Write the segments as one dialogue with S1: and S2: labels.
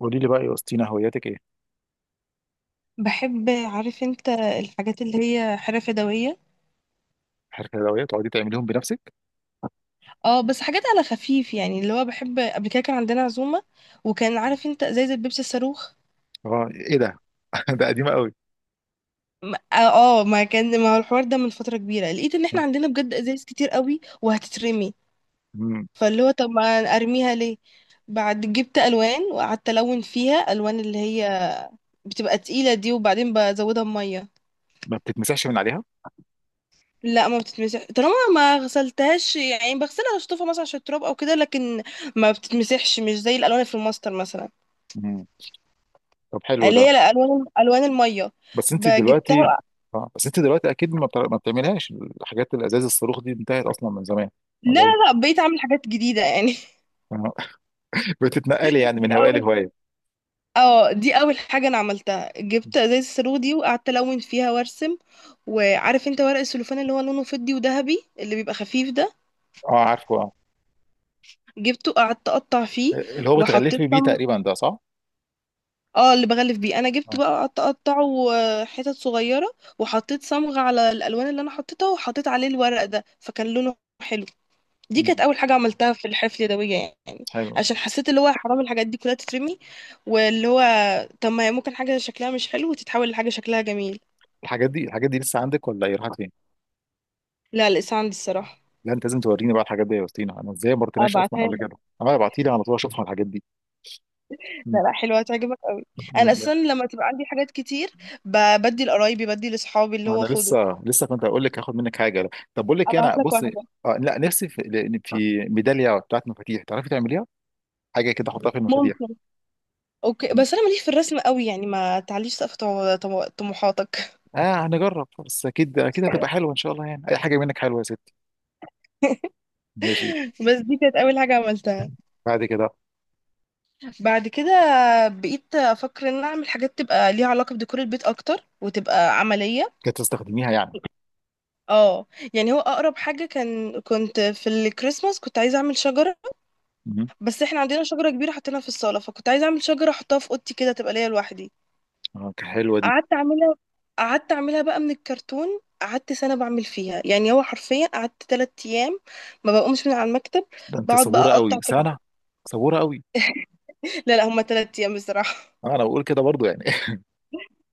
S1: قولي لي بقى يا وسطينا، هواياتك ايه؟
S2: بحب، عارف انت، الحاجات اللي هي حرف يدوية.
S1: الحلويات تقعدي تعمليهم بنفسك؟
S2: اه، بس حاجات على خفيف يعني، اللي هو بحب. قبل كده كان عندنا عزومة، وكان عارف انت ازايز البيبسي الصاروخ.
S1: اه، ايه ده؟ ده قديمه قوي.
S2: ما هو الحوار ده من فترة كبيرة، لقيت ان احنا عندنا بجد ازايز كتير قوي وهتترمي.
S1: مم.
S2: فاللي هو، طب ما ارميها ليه؟ بعد جبت الوان وقعدت الون فيها، الوان اللي هي بتبقى تقيلة دي، وبعدين بزودها بمية.
S1: ما بتتمسحش من عليها؟
S2: لا، ما بتتمسح طالما ما غسلتهاش، يعني بغسلها، اشطفها مثلا عشان التراب او كده، لكن ما بتتمسحش، مش زي الالوان اللي في الماستر مثلا.
S1: مم. طب، حلو
S2: اللي
S1: ده.
S2: هي الوان الميه.
S1: بس انت دلوقتي،
S2: جبتها.
S1: اه، بس انت دلوقتي اكيد ما بتعملهاش. الحاجات الازاز الصاروخ دي انتهت اصلا من زمان،
S2: لا
S1: ولا
S2: لا
S1: ايه؟
S2: لا، بقيت اعمل حاجات جديده يعني.
S1: آه. بتتنقلي يعني
S2: دي
S1: من هوايه
S2: اول
S1: لهوايه.
S2: اه دي اول حاجه انا عملتها، جبت ازاز الصاروخ دي وقعدت الون فيها وارسم. وعارف انت ورق السلوفان اللي هو لونه فضي وذهبي، اللي بيبقى خفيف ده،
S1: اه، عارفه، اه.
S2: جبته، قعدت اقطع فيه.
S1: اللي هو
S2: وحطيت
S1: بتغلفي بيه تقريبا ده، صح؟
S2: اه، اللي بغلف بيه، انا جبت
S1: اه.
S2: بقى اقطعه حتت صغيره، وحطيت صمغ على الالوان اللي انا حطيتها، وحطيت عليه الورق ده، فكان لونه حلو. دي كانت
S1: مم.
S2: اول حاجه عملتها في الحفله اليدويه يعني.
S1: حلو.
S2: عشان حسيت اللي هو حرام الحاجات دي كلها تترمي، واللي هو طب ما هي ممكن حاجه شكلها مش حلو وتتحول لحاجه شكلها جميل.
S1: الحاجات دي لسه عندك ولا ايه؟ راحت فين؟
S2: لا، لسه عندي الصراحه.
S1: لا، انت لازم توريني بقى الحاجات دي يا وسطينا. انا ازاي ما رحتناش اصلا
S2: ابعتها
S1: قبل
S2: لك.
S1: كده؟ انا ابعتي لي على طول اشوفها الحاجات دي.
S2: لا
S1: م-
S2: لا، حلوه هتعجبك قوي. انا اساسا
S1: ماشي.
S2: لما تبقى عندي حاجات كتير، بدي لقرايبي، بدي لاصحابي اللي هو
S1: انا
S2: خده.
S1: لسه كنت اقول لك هاخد منك حاجه. طب، بقول لك إيه، انا
S2: ابعت لك
S1: بص.
S2: واحده.
S1: آه لا، نفسي في، لأن في ميداليه بتاعت مفاتيح تعرفي تعمليها، حاجه كده احطها في المفاتيح.
S2: ممكن. اوكي،
S1: م.
S2: بس انا ماليش في الرسم قوي يعني، ما تعليش سقف طموحاتك.
S1: اه، هنجرب، بس اكيد اكيد هتبقى حلوه ان شاء الله. يعني اي حاجه منك حلوه يا ستي. ماشي.
S2: بس دي كانت اول حاجه عملتها.
S1: بعد كده
S2: بعد كده بقيت افكر ان أنا اعمل حاجات تبقى ليها علاقه بديكور البيت اكتر وتبقى عمليه.
S1: كانت تستخدميها يعني.
S2: اه. يعني هو اقرب حاجه، كنت في الكريسماس كنت عايزه اعمل شجره.
S1: م.
S2: بس احنا عندنا شجره كبيره حطيناها في الصاله، فكنت عايزه اعمل شجره احطها في اوضتي كده، تبقى ليا لوحدي.
S1: اه، كانت حلوه دي.
S2: قعدت اعملها قعدت اعملها بقى من الكرتون. قعدت سنة بعمل فيها، يعني هو حرفيا قعدت تلات ايام ما بقومش من على المكتب.
S1: ده انت
S2: بقعد بقى
S1: صبوره
S2: اقطع
S1: قوي،
S2: في
S1: سنه! صبوره قوي.
S2: لا لا، هما تلات ايام بصراحة.
S1: آه، انا بقول كده برضو يعني.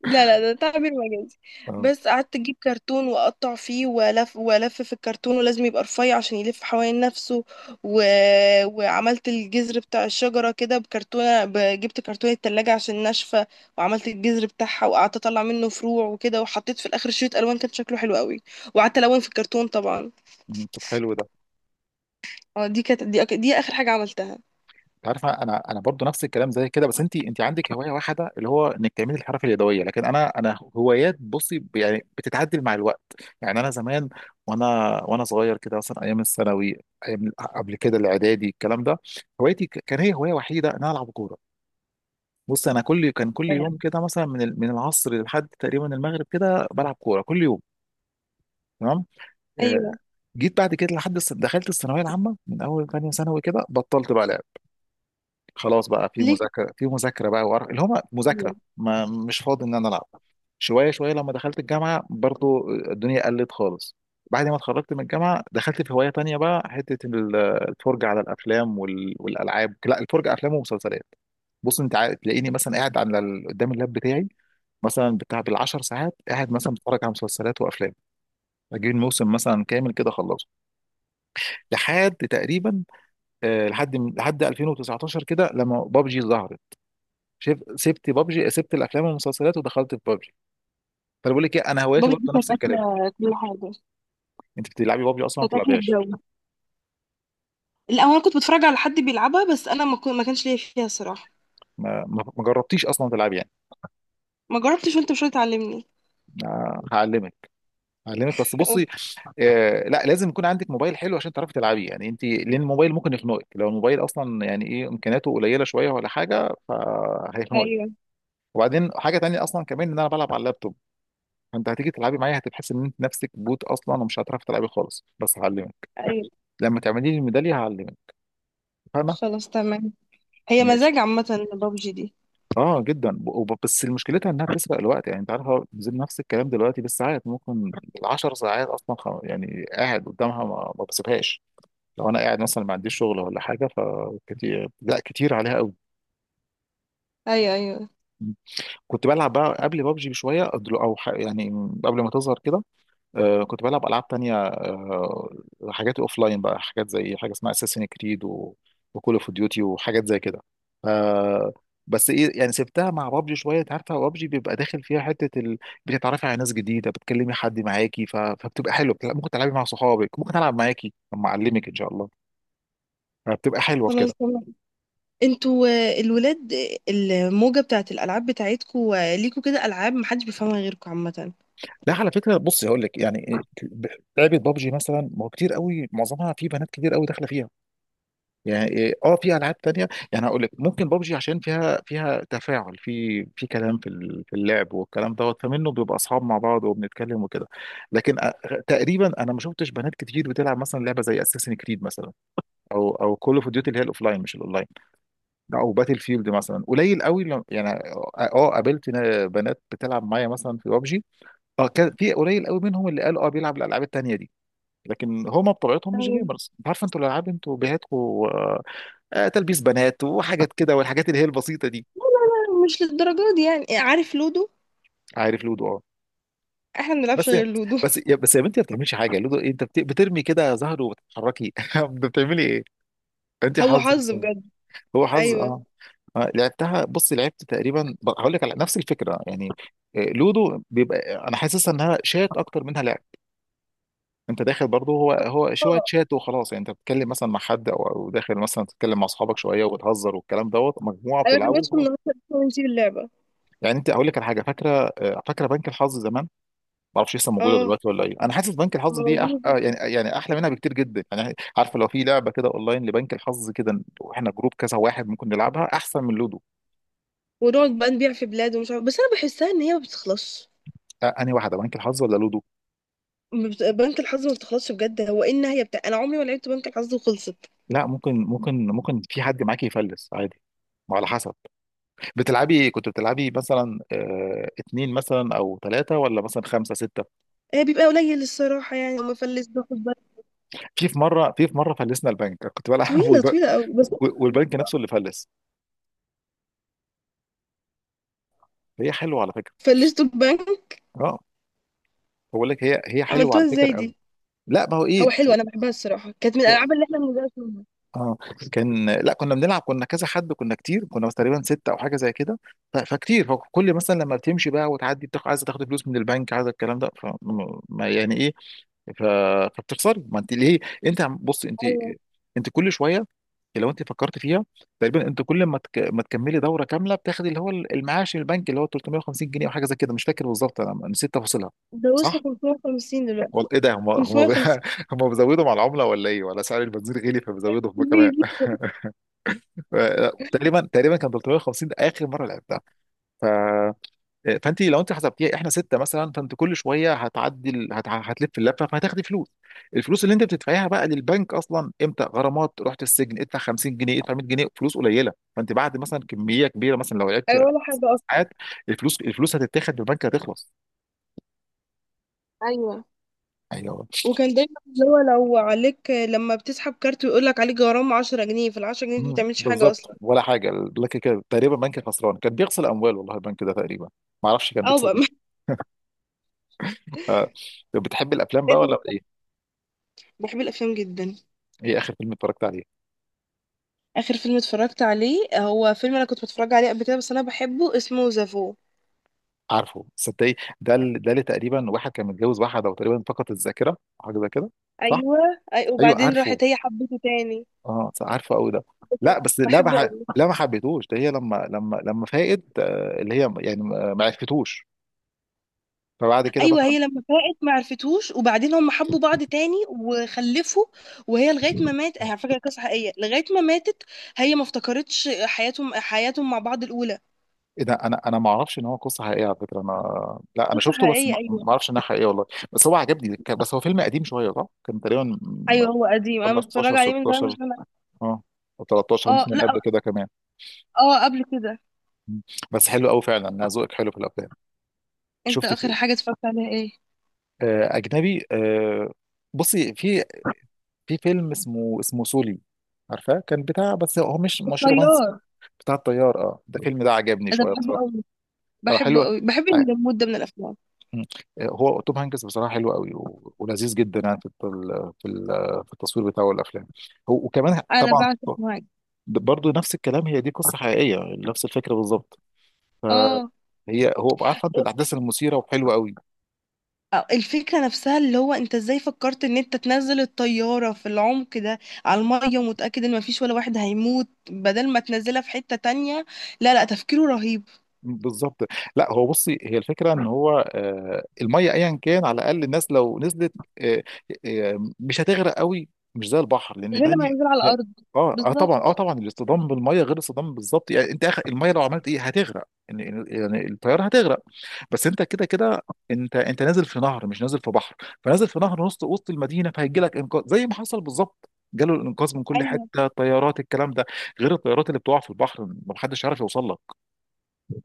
S2: لا لا، ده تعبير مجازي.
S1: اه.
S2: بس قعدت اجيب كرتون واقطع فيه، والف والف في الكرتون، ولازم يبقى رفيع عشان يلف حوالين نفسه. و... وعملت الجذر بتاع الشجره كده بكرتونه، جبت كرتونه التلاجة عشان ناشفه. وعملت الجذر بتاعها، وقعدت اطلع منه فروع وكده، وحطيت في الاخر شريط الوان كان شكله حلو قوي، وقعدت الون في الكرتون طبعا.
S1: م. طب، حلو ده.
S2: اه، دي كانت دي, أك... دي اخر حاجه عملتها
S1: عارف، انا برضو نفس الكلام زي كده. بس انت، انت عندك هوايه واحده اللي هو انك تعملي الحرف اليدويه. لكن انا، هوايات، بصي، يعني بتتعدل مع الوقت. يعني انا زمان، وانا وانا صغير كده، مثلا ايام الثانوي، ايام قبل كده الاعدادي، الكلام ده، هوايتي كان هي هوايه وحيده ان انا العب كوره. بص، انا كل يوم
S2: يعني.
S1: كده مثلا من العصر لحد تقريبا المغرب كده بلعب كوره كل يوم. تمام، آه،
S2: ايوه.
S1: جيت بعد كده لحد دخلت الثانويه العامه. من اول ثانيه ثانوي كده بطلت بقى لعب. خلاص، بقى في
S2: ليه؟
S1: مذاكره، بقى وقرف اللي هو مذاكره،
S2: ايوه.
S1: ما مش فاضي ان انا العب. شويه شويه، لما دخلت الجامعه برضو الدنيا قلت خالص. بعد ما اتخرجت من الجامعه دخلت في هوايه تانية بقى، حته الفرجه على الافلام والالعاب، لا، الفرجه افلام ومسلسلات. بص، تلاقيني مثلا قاعد قدام اللاب بتاعي مثلا، بتاع بالعشر ساعات قاعد مثلا بتفرج على مسلسلات وافلام. اجيب الموسم مثلا كامل كده اخلصه لحد تقريبا، آه، لحد 2019 كده، لما بابجي ظهرت. سبت بابجي، سبت الافلام والمسلسلات ودخلت في بابجي. فانا بقول لك ايه، انا هوايتي
S2: بابا دي
S1: برضه نفس
S2: كانت
S1: الكلام.
S2: اكله كل حاجه،
S1: انت بتلعبي بابجي اصلا ما
S2: كانت اكله
S1: بتلعبيهاش؟
S2: الجو. لا، هو انا كنت بتفرج على حد بيلعبها، بس انا ما كانش ليا فيها الصراحه.
S1: ما جربتيش اصلا تلعبي يعني؟
S2: ما جربتش، وانت مش هتعلمني.
S1: هعلمك. هعلمك، بس بصي،
S2: أوكي.
S1: آه لا، لازم يكون عندك موبايل حلو عشان تعرفي تلعبيه يعني انت. لان الموبايل ممكن يخنقك لو الموبايل اصلا يعني ايه، امكانياته قليله شويه ولا حاجه، فهيخنقك.
S2: ايوه،
S1: وبعدين حاجه تانية اصلا كمان، ان انا بلعب على اللابتوب. فانت هتيجي تلعبي معايا هتحس ان انت نفسك بوت اصلا، ومش هتعرفي تلعبي خالص، بس هعلمك.
S2: ايوه.
S1: لما تعملي لي الميداليه هعلمك. فاهمه؟
S2: خلاص تمام. هي
S1: ماشي.
S2: مزاج عامه بابجي دي.
S1: اه جدا. بس مشكلتها انها بتسرق الوقت. يعني انت عارفه، زي نفس الكلام دلوقتي، بالساعات ممكن العشر ساعات اصلا، يعني قاعد قدامها، ما بسيبهاش. لو انا قاعد مثلا ما عنديش شغل ولا حاجه، فكتير، لا كتير عليها قوي.
S2: ايوه، ايوه.
S1: كنت بلعب بقى قبل بابجي بشويه، يعني قبل ما تظهر كده، آه، كنت بلعب العاب تانية، آه، حاجات لاين بقى، حاجات زي حاجه اسمها اساسين كريد وكول اوف ديوتي وحاجات زي كده، آه. بس ايه يعني، سبتها مع بابجي شويه. انت عارفه بابجي بيبقى داخل فيها حته بتتعرفي على ناس جديده، بتكلمي حد معاكي، فبتبقى حلوه. ممكن تلعبي مع صحابك، ممكن العب معاكي لما اعلمك ان شاء الله. فبتبقى حلوه في
S2: خلاص
S1: كده.
S2: تمام. انتوا الولاد، الموجه بتاعت الالعاب بتاعتكوا ليكوا كده العاب محدش بيفهمها غيركوا عامه.
S1: لا، على فكره، بصي، هقول لك، يعني إيه، لعبه بابجي مثلا، ما هو كتير قوي، معظمها في بنات كتير قوي داخله فيها. يعني إيه، اه، في العاب تانية يعني، هقول لك، ممكن بابجي عشان فيها، تفاعل، في كلام، في في اللعب والكلام دوت، فمنه بيبقى اصحاب مع بعض وبنتكلم وكده. لكن تقريبا انا ما شفتش بنات كتير بتلعب مثلا لعبه زي اساسن كريد مثلا، او كول اوف ديوتي، اللي هي الاوفلاين مش الاونلاين. لا، او باتل فيلد مثلا، قليل قوي يعني. اه، قابلت بنات بتلعب معايا مثلا في بابجي. اه كان في قليل قوي منهم اللي قال اه بيلعب الالعاب التانية دي، لكن هما بطبيعتهم مش
S2: ايوه.
S1: جيمرز. انت عارف انتوا الالعاب انتوا بيهاتكم، آه، تلبيس بنات وحاجات كده، والحاجات اللي هي البسيطه دي.
S2: مش للدرجه دي يعني. عارف لودو؟
S1: عارف لودو؟ اه.
S2: احنا ما بنلعبش
S1: بس،
S2: غير لودو.
S1: يا بنتي، ما بتعملش حاجه. لودو إيه، انت بترمي كده زهر وبتتحركي. انت بتعملي ايه؟ انت
S2: هو
S1: حظ
S2: حظ
S1: مثلا،
S2: بجد.
S1: هو حظ،
S2: ايوه.
S1: اه. آه، لعبتها، بص، لعبت تقريبا، هقول لك على نفس الفكره يعني. آه، لودو بيبقى، انا حاسسها انها شات اكتر منها لعب. انت داخل برضه، هو شويه
S2: اه،
S1: شات وخلاص يعني. انت بتتكلم مثلا مع حد، او داخل مثلا تتكلم مع اصحابك شويه وبتهزر والكلام دوت، مجموعه
S2: ايوه. احنا
S1: بتلعبوا
S2: بندخل
S1: وخلاص.
S2: نقطة ونسيب اللعبة.
S1: يعني، انت، هقول لك على حاجه فاكره، آه، فاكره بنك الحظ زمان؟ ما اعرفش لسه موجوده
S2: اه،
S1: دلوقتي ولا ايه. انا حاسس بنك الحظ دي، أح... آه
S2: موجود.
S1: يعني، احلى منها بكتير جدا يعني. عارفه لو في لعبه كده اونلاين لبنك الحظ كده، واحنا جروب كذا واحد، ممكن نلعبها احسن من لودو.
S2: ونقعد بقى نبيع في بلاد ومش عارف، بس انا بحسها ان هي ما بتخلصش.
S1: آه، انهي واحده، بنك الحظ ولا لودو؟
S2: ما بت- بنك الحظ ما بتخلصش بجد. هو ايه النهايه بتاع؟ انا عمري ما لعبت بنك الحظ وخلصت.
S1: لا، ممكن ممكن في حد معاكي يفلس عادي. ما على حسب، بتلعبي، كنت بتلعبي مثلا آه اتنين مثلا، او ثلاثه، ولا مثلا خمسه سته.
S2: هي بيبقى قليل الصراحه، يعني لما فلست باخد بالي.
S1: في مره فلسنا البنك، كنت بلعب.
S2: طويله طويله قوي بس.
S1: والبنك نفسه اللي فلس. هي حلوه على فكره.
S2: فلستوا البنك؟
S1: اه، بقول لك، هي حلوه على
S2: عملتوها ازاي
S1: فكره قوي.
S2: دي؟
S1: لا، ما هو
S2: هو
S1: ايه،
S2: حلو، انا بحبها الصراحه، كانت من الالعاب اللي احنا بنبدا فيها.
S1: اه، كان لا، كنا بنلعب، كنا كذا حد، كنا كتير، كنا بس تقريبا ستة او حاجه زي كده. فكتير، فكل مثلا لما بتمشي بقى وتعدي بتاخد، عايزه تاخد فلوس من البنك، عايزه الكلام ده، ف يعني ايه، ف... فبتخسري. ما انت ليه، بص انت،
S2: ايوه.
S1: انت كل شويه، لو انت فكرت فيها، تقريبا انت كل ما تك... ما تكملي دوره كامله بتاخد اللي هو المعاش من البنك اللي هو 350 جنيه او حاجه زي كده، مش فاكر بالظبط، انا نسيت تفاصيلها.
S2: ده وصلوا
S1: صح؟
S2: 550 دلوقتي.
S1: والله، ايه ده، هم
S2: 550
S1: هم بيزودوا مع العمله ولا ايه؟ ولا سعر البنزين غلي فبيزودوا هم كمان؟
S2: بيزي.
S1: آه، تقريبا كان 350 ده اخر مره لعبتها. ف... فانت لو انت حسبتيها، احنا سته مثلا، فانت كل شويه هتعدي، هتلف اللفه فهتاخدي فلوس. الفلوس اللي انت بتدفعيها بقى للبنك اصلا، امتى؟ غرامات، رحت السجن، ادفع 50 جنيه، ادفع 100 جنيه، فلوس قليله. فانت بعد مثلا كميه كبيره، مثلا لو لعبتي
S2: ايوه، ولا حاجه اصلا.
S1: ساعات، الفلوس هتتاخد من البنك، هتخلص.
S2: ايوه.
S1: ايوه،
S2: وكان دايما اللي هو لو عليك، لما بتسحب كارت ويقول لك عليك غرامه 10 جنيه، في ال 10 جنيه دي ما
S1: مم،
S2: بتعملش حاجه
S1: بالظبط،
S2: اصلا.
S1: ولا حاجه. لكن كده تقريبا بنك خسران، كان بيغسل اموال والله البنك ده تقريبا. ما اعرفش كان
S2: او
S1: بيكسب
S2: بقى،
S1: منين. ف... طب، بتحب الافلام
S2: إيه
S1: بقى ولا
S2: ده؟
S1: ايه؟
S2: بحب الافلام جدا.
S1: ايه اخر فيلم اتفرجت عليه؟
S2: اخر فيلم اتفرجت عليه هو فيلم انا كنت بتفرج عليه قبل كده، بس انا بحبه، اسمه زافو.
S1: عارفه؟ صدقني ده ده اللي تقريبا واحد كان متجوز واحده وتقريبا فقدت الذاكره حاجه زي كده، صح.
S2: ايوه. أي،
S1: ايوه
S2: وبعدين
S1: عارفه،
S2: راحت هي حبته تاني.
S1: اه، صح، عارفه قوي ده. لا بس،
S2: بحبه قوي.
S1: لا ما حبيتهوش ده، هي لما فاقد، آه، اللي هي يعني ما عرفتوش. فبعد كده
S2: ايوه،
S1: مثلا،
S2: هي لما فاقت ما عرفتوش، وبعدين هم حبوا بعض تاني وخلفوا. وهي لغايه ما مات، هي على فكره قصه حقيقيه، لغايه ما ماتت هي ما افتكرتش حياتهم مع بعض الاولى.
S1: ايه ده، انا، ما اعرفش ان هو قصه حقيقيه على فكره. انا، لا، انا
S2: قصه
S1: شفته بس
S2: حقيقيه،
S1: ما
S2: ايوه.
S1: ما اعرفش انها حقيقيه والله. بس هو عجبني، بس هو فيلم قديم شويه صح، كان تقريبا
S2: ايوه هو قديم، انا
S1: 15
S2: متفرج عليه من زمان بس
S1: 16،
S2: انا.
S1: اه، او 13
S2: اه،
S1: ممكن، من قبل
S2: لا.
S1: كده كمان.
S2: اه، قبل كده.
S1: مم. بس حلو قوي فعلا، انا ذوقك حلو في الافلام.
S2: انت
S1: شفت
S2: اخر
S1: في،
S2: حاجه اتفرجت عليها ايه؟
S1: آه، اجنبي، آه، بصي في، فيلم اسمه، سولي، عارفاه؟ كان بتاع، بس هو مش رومانسي،
S2: الطيار.
S1: بتاع الطيار، اه. ده الفيلم ده عجبني
S2: انا
S1: شويه
S2: بحبه
S1: بصراحه،
S2: قوي.
S1: اه، حلو،
S2: بحبه قوي، بحب
S1: آه،
S2: المود ده من الافلام.
S1: مم، آه، هو توم هانكس بصراحه حلو قوي ولذيذ جدا يعني في في في التصوير بتاعه والافلام، وكمان
S2: انا
S1: طبعا
S2: بعشق معاك.
S1: برضو نفس الكلام. هي دي قصه حقيقيه نفس الفكره بالظبط.
S2: اه.
S1: هي، هو، عارفه انت الاحداث المثيره، وحلوه قوي
S2: الفكرة نفسها، اللي هو انت ازاي فكرت ان انت تنزل الطيارة في العمق ده، على المية، ومتأكد ان مفيش ولا واحد هيموت، بدل ما تنزلها في حتة تانية. لا لا، تفكيره رهيب.
S1: بالظبط. لا، هو بصي، هي الفكره ان هو، آه، الميه ايا كان، على الاقل الناس لو نزلت، آه، آه، مش هتغرق قوي. مش زي البحر، لان
S2: غير
S1: ده
S2: لما ينزل على
S1: لا.
S2: الأرض.
S1: اه اه طبعا اه
S2: بالظبط.
S1: طبعا الاصطدام بالميه غير الاصطدام، بالظبط يعني، انت اخر الميه لو عملت ايه، هتغرق يعني، الطياره هتغرق. بس انت كده كده، انت نازل في نهر مش نازل في بحر. فنازل في نهر وسط المدينه، فهيجي لك انقاذ زي ما حصل بالظبط. جاله الانقاذ من كل
S2: ايوه،
S1: حته، طيارات، الكلام ده، غير الطيارات اللي بتقع في البحر ما حدش عارف يوصل لك.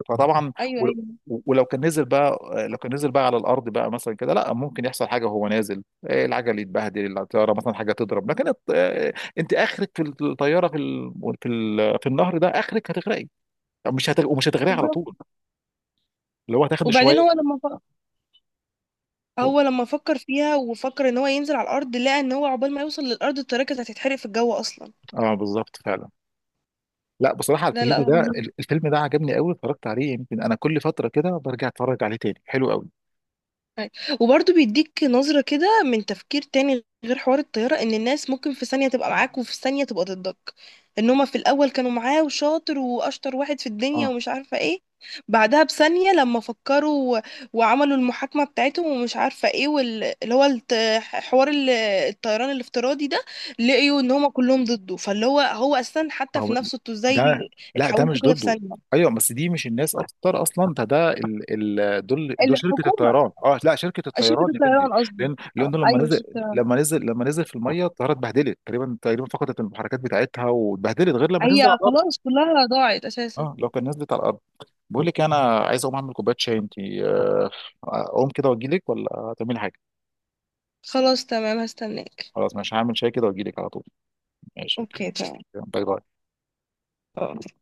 S1: فطبعا،
S2: ايوه، ايوه.
S1: ولو كان نزل بقى، لو كان نزل بقى على الارض بقى مثلا كده، لا، ممكن يحصل حاجه وهو نازل، إيه، العجل يتبهدل الطياره مثلا حاجه تضرب. لكن آه، انت اخرك في الطياره، في في النهر ده، اخرك هتغرقي. مش هتغ... ومش هتغرقي على
S2: بالظبط.
S1: طول، اللي هو هتاخد شويه.
S2: وبعدين هو لما هو لما فكر فيها وفكر ان هو ينزل على الأرض، لقى ان هو عقبال ما يوصل للأرض الطيارة كانت هتتحرق في الجو اصلا.
S1: اه بالظبط فعلا. لا بصراحه
S2: لا لا.
S1: الفيلم ده عجبني قوي، اتفرجت عليه يمكن انا كل فتره كده برجع اتفرج عليه تاني، حلو قوي.
S2: أي. وبرضه بيديك نظرة كده من تفكير تاني غير حوار الطيارة، ان الناس ممكن في ثانية تبقى معاك وفي ثانية تبقى ضدك. ان هما في الاول كانوا معاه وشاطر واشطر واحد في الدنيا
S1: اه،
S2: ومش عارفة ايه، بعدها بثانية لما فكروا وعملوا المحاكمة بتاعتهم ومش عارفة ايه، واللي هو حوار الطيران الافتراضي ده، لقيوا ان هما كلهم ضده. فاللي هو اساسا حتى في
S1: هو
S2: نفسه، انتوا ازاي
S1: ده، لا ده
S2: اتحولتوا
S1: مش
S2: كده في
S1: ضده.
S2: ثانية؟
S1: ايوه، بس دي مش الناس اكتر اصلا، ده، دول، شركه
S2: الحكومة،
S1: الطيران، اه لا، شركه الطيران
S2: شركة
S1: يا بنتي.
S2: الطيران قصدي.
S1: لان لان لما
S2: ايوه،
S1: نزل،
S2: شركة.
S1: لما نزل في الميه الطياره اتبهدلت، تقريبا، فقدت المحركات بتاعتها واتبهدلت غير لما تنزل
S2: هي
S1: على الارض.
S2: خلاص كلها ضاعت اساسا.
S1: اه، لو كان نزلت على الارض. بقول لك إيه، انا عايز اقوم اعمل كوبايه شاي، انت آه، اقوم كده واجي لك ولا هتعملي حاجه؟
S2: خلاص تمام، هستناك.
S1: خلاص، مش هعمل شاي كده واجي لك على طول. ماشي، اوكي.
S2: اوكي، تمام.
S1: يلا، باي باي.
S2: اه.